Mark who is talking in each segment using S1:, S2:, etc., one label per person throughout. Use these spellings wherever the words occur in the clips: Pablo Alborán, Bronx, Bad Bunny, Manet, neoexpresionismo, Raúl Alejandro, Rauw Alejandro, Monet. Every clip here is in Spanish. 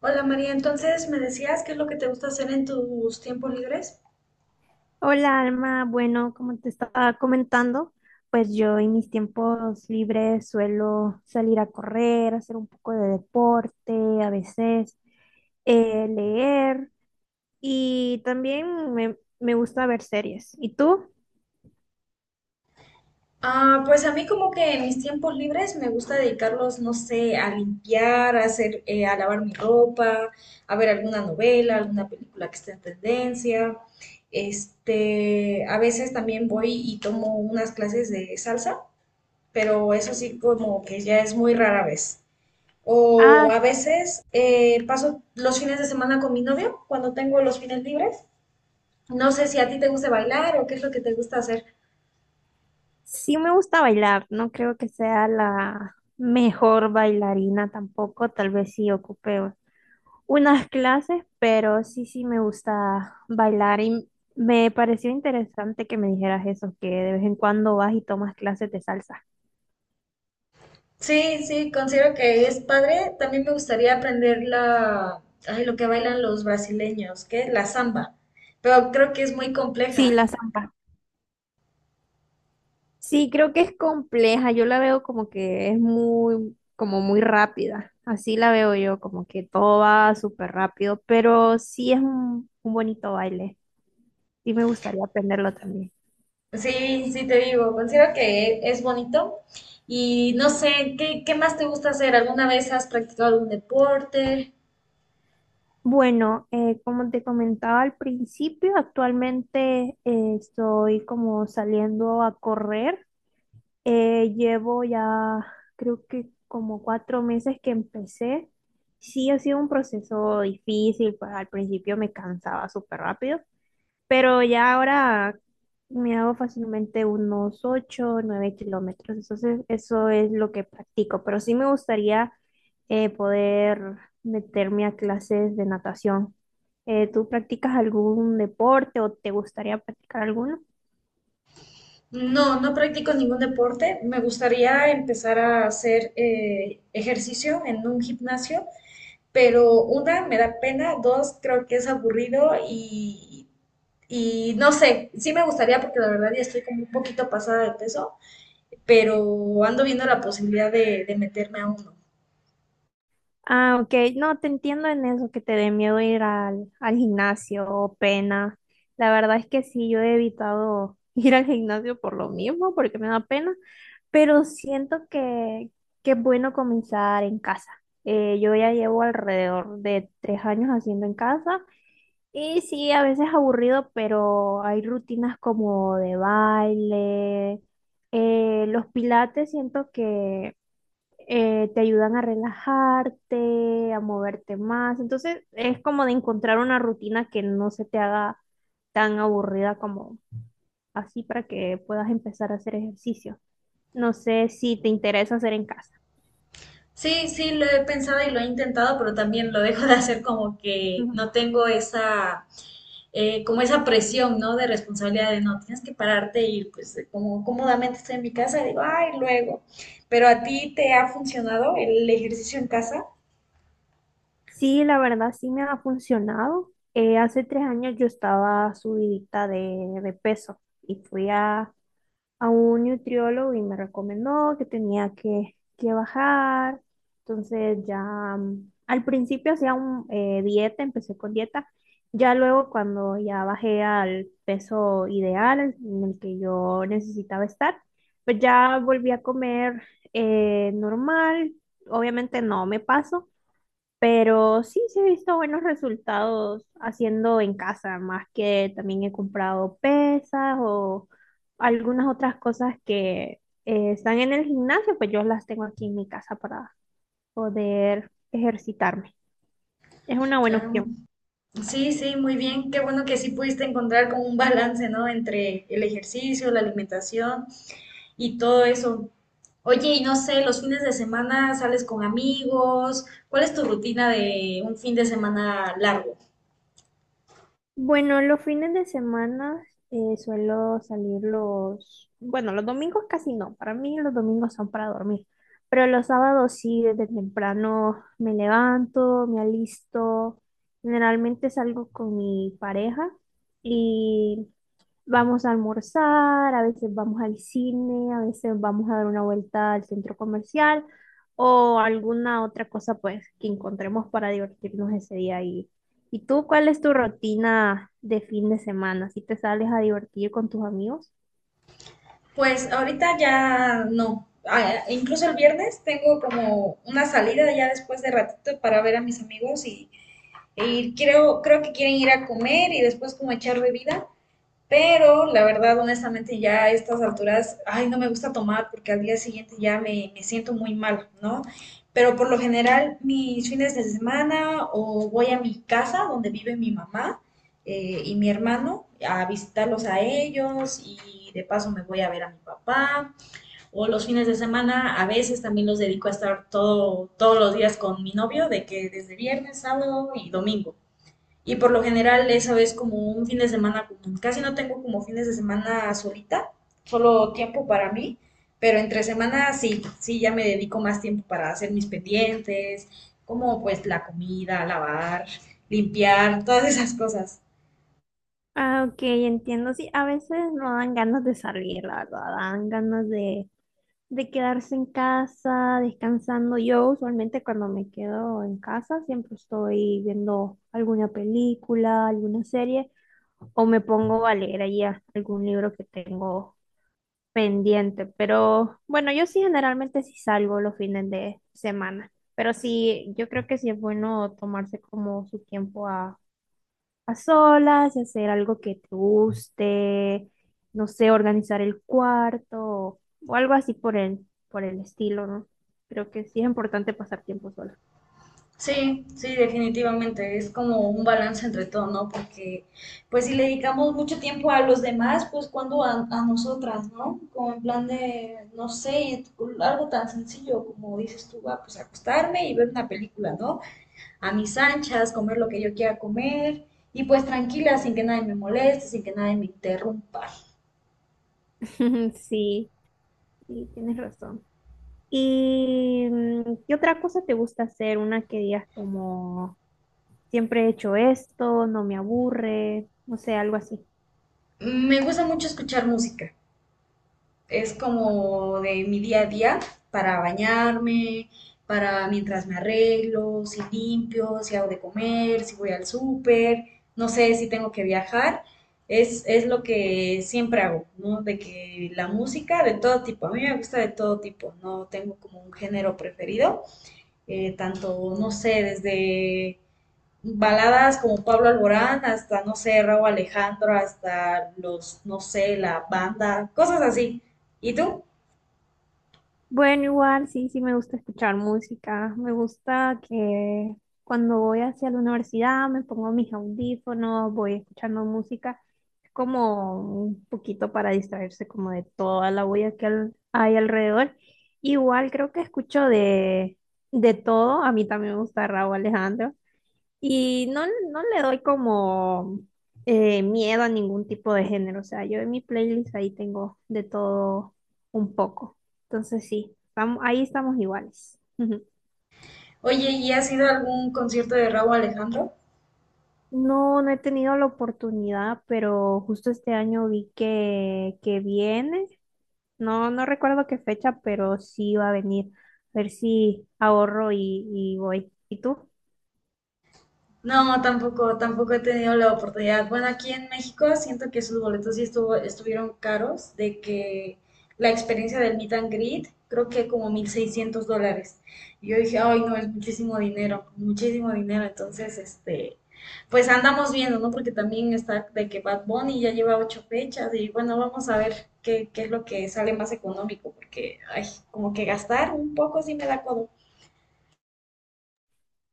S1: Hola María, entonces me decías qué es lo que te gusta hacer en tus tiempos libres.
S2: Hola Alma, bueno, como te estaba comentando, pues yo en mis tiempos libres suelo salir a correr, hacer un poco de deporte, a veces leer y también me gusta ver series. ¿Y tú?
S1: Ah, pues a mí como que en mis tiempos libres me gusta dedicarlos, no sé, a limpiar, a hacer, a lavar mi ropa, a ver alguna novela, alguna película que esté en tendencia. Este, a veces también voy y tomo unas clases de salsa, pero eso sí como que ya es muy rara vez. O
S2: Ah,
S1: a veces paso los fines de semana con mi novio cuando tengo los fines libres. No sé si a ti te gusta bailar o qué es lo que te gusta hacer.
S2: sí me gusta bailar, no creo que sea la mejor bailarina tampoco, tal vez sí ocupe unas clases, pero sí me gusta bailar y me pareció interesante que me dijeras eso, que de vez en cuando vas y tomas clases de salsa.
S1: Sí, sí, considero que es padre. También me gustaría aprender la, ay, lo que bailan los brasileños, ¿qué? La samba. Pero creo que es muy
S2: Sí,
S1: compleja.
S2: la zampa. Sí, creo que es compleja, yo la veo como que es muy, como muy rápida, así la veo yo, como que todo va súper rápido, pero sí es un bonito baile, sí me gustaría aprenderlo también.
S1: Sí, sí te digo, considero que es bonito. Y no sé, ¿qué, qué más te gusta hacer? ¿Alguna vez has practicado algún deporte?
S2: Bueno, como te comentaba al principio, actualmente estoy como saliendo a correr. Llevo ya creo que como 4 meses que empecé. Sí, ha sido un proceso difícil, pues al principio me cansaba súper rápido, pero ya ahora me hago fácilmente unos 8, 9 kilómetros. Entonces, eso es lo que practico. Pero sí me gustaría poder meterme a clases de natación. ¿Tú practicas algún deporte o te gustaría practicar alguno?
S1: No, no practico ningún deporte. Me gustaría empezar a hacer ejercicio en un gimnasio, pero una me da pena, dos creo que es aburrido y no sé, sí me gustaría porque la verdad ya estoy como un poquito pasada de peso, pero ando viendo la posibilidad de meterme a uno.
S2: Ah, ok. No, te entiendo en eso, que te dé miedo ir al gimnasio o pena. La verdad es que sí, yo he evitado ir al gimnasio por lo mismo, porque me da pena, pero siento que es bueno comenzar en casa. Yo ya llevo alrededor de 3 años haciendo en casa y sí, a veces aburrido, pero hay rutinas como de baile, los pilates, siento que te ayudan a relajarte, a moverte más. Entonces es como de encontrar una rutina que no se te haga tan aburrida como así para que puedas empezar a hacer ejercicio. No sé si te interesa hacer en casa.
S1: Sí, sí, lo he pensado y lo he intentado, pero también lo dejo de hacer como que no tengo esa, como esa presión, ¿no? De responsabilidad de no, tienes que pararte y pues como cómodamente estoy en mi casa, digo, ay, luego. ¿Pero a ti te ha funcionado el ejercicio en casa?
S2: Sí, la verdad sí me ha funcionado. Hace 3 años yo estaba subidita de peso y fui a un nutriólogo y me recomendó que tenía que bajar. Entonces ya al principio hacía un, dieta, empecé con dieta. Ya luego cuando ya bajé al peso ideal en el que yo necesitaba estar, pues ya volví a comer normal. Obviamente no me paso, pero sí he visto buenos resultados haciendo en casa, más que también he comprado pesas o algunas otras cosas que están en el gimnasio, pues yo las tengo aquí en mi casa para poder ejercitarme. Es una buena
S1: Ah,
S2: opción.
S1: sí, sí, muy bien. Qué bueno que sí pudiste encontrar como un balance, ¿no? Entre el ejercicio, la alimentación y todo eso. Oye, y no sé, los fines de semana sales con amigos. ¿Cuál es tu rutina de un fin de semana largo?
S2: Bueno, los fines de semana suelo salir los, bueno, los domingos casi no, para mí los domingos son para dormir, pero los sábados sí, desde temprano me levanto, me alisto, generalmente salgo con mi pareja y vamos a almorzar, a veces vamos al cine, a veces vamos a dar una vuelta al centro comercial o alguna otra cosa pues que encontremos para divertirnos ese día. Y tú cuál es tu rutina de fin de semana? ¿Si te sales a divertir con tus amigos?
S1: Pues ahorita ya no. Ah, incluso el viernes tengo como una salida ya después de ratito para ver a mis amigos y creo, creo que quieren ir a comer y después como echar bebida. Pero la verdad, honestamente, ya a estas alturas, ay, no me gusta tomar porque al día siguiente ya me siento muy mal, ¿no? Pero por lo general, mis fines de semana o voy a mi casa donde vive mi mamá y mi hermano a visitarlos a ellos y de paso me voy a ver a mi papá. O los fines de semana a veces también los dedico a estar todo, todos los días con mi novio, de que desde viernes, sábado y domingo. Y por lo general esa vez como un fin de semana común. Casi no tengo como fines de semana solita, solo tiempo para mí, pero entre semana sí, sí ya me dedico más tiempo para hacer mis pendientes, como pues la comida, lavar, limpiar, todas esas cosas.
S2: Ah, ok, entiendo. Sí, a veces no dan ganas de salir, la verdad, dan ganas de quedarse en casa, descansando. Yo usualmente cuando me quedo en casa siempre estoy viendo alguna película, alguna serie o me pongo a leer ahí algún libro que tengo pendiente. Pero bueno, yo sí generalmente sí salgo los fines de semana. Pero sí, yo creo que sí es bueno tomarse como su tiempo a solas y hacer algo que te guste, no sé, organizar el cuarto o, algo así por por el estilo, ¿no? Creo que sí es importante pasar tiempo sola.
S1: Sí, sí, definitivamente. Es como un balance entre todo, ¿no? Porque, pues, si le dedicamos mucho tiempo a los demás, pues, cuando a nosotras, ¿no? Como en plan de, no sé, algo tan sencillo como dices tú, ah, pues, acostarme y ver una película, ¿no? A mis anchas, comer lo que yo quiera comer y, pues, tranquila, sin que nadie me moleste, sin que nadie me interrumpa.
S2: Sí, sí, tienes razón. ¿Y qué otra cosa te gusta hacer? Una que digas como, siempre he hecho esto, no me aburre, no sé, algo así.
S1: Me gusta mucho escuchar música. Es como de mi día a día, para bañarme, para mientras me arreglo, si limpio, si hago de comer, si voy al súper, no sé si tengo que viajar. Es lo que siempre hago, ¿no? De que la música de todo tipo, a mí me gusta de todo tipo, no tengo como un género preferido, tanto, no sé, desde baladas como Pablo Alborán hasta, no sé, Raúl Alejandro, hasta los, no sé, la banda, cosas así. ¿Y tú?
S2: Bueno, igual sí me gusta escuchar música. Me gusta que cuando voy hacia la universidad me pongo mis audífonos, voy escuchando música. Es como un poquito para distraerse como de toda la bulla que hay alrededor. Igual creo que escucho de todo. A mí también me gusta Rauw Alejandro. Y no, no le doy como miedo a ningún tipo de género. O sea, yo en mi playlist ahí tengo de todo un poco. Entonces sí, estamos, ahí estamos iguales. Ujú.
S1: Oye, ¿y has ido a algún concierto de Rauw Alejandro?
S2: No, no he tenido la oportunidad, pero justo este año vi que viene. No, no recuerdo qué fecha, pero sí va a venir. A ver si ahorro y voy. ¿Y tú?
S1: No, tampoco, tampoco he tenido la oportunidad. Bueno, aquí en México siento que sus boletos sí estuvo, estuvieron caros, de que la experiencia del meet and greet, creo que como $1,600. Y yo dije, ay, no, es muchísimo dinero, muchísimo dinero. Entonces, este, pues andamos viendo, ¿no? Porque también está de que Bad Bunny ya lleva 8 fechas y bueno, vamos a ver qué, qué es lo que sale más económico, porque, ay, como que gastar un poco sí me da codo.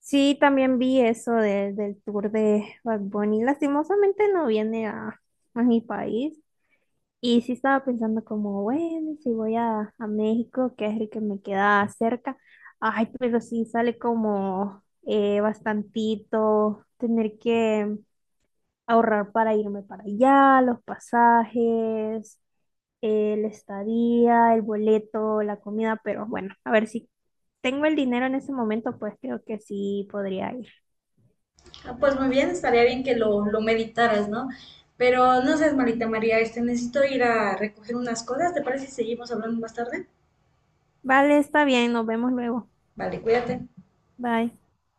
S2: Sí, también vi eso del tour de Bad Bunny. Lastimosamente no viene a mi país. Y sí estaba pensando como, bueno, si voy a México, que es el que me queda cerca. Ay, pero sí sale como bastantito tener que ahorrar para irme para allá, los pasajes, el estadía, el boleto, la comida. Pero bueno, a ver si tengo el dinero en ese momento, pues creo que sí podría ir.
S1: Ah, pues muy bien, estaría bien que lo meditaras, ¿no? Pero no seas malita, María, este, necesito ir a recoger unas cosas, ¿te parece si seguimos hablando más tarde?
S2: Vale, está bien, nos vemos luego.
S1: Vale, cuídate.
S2: Bye.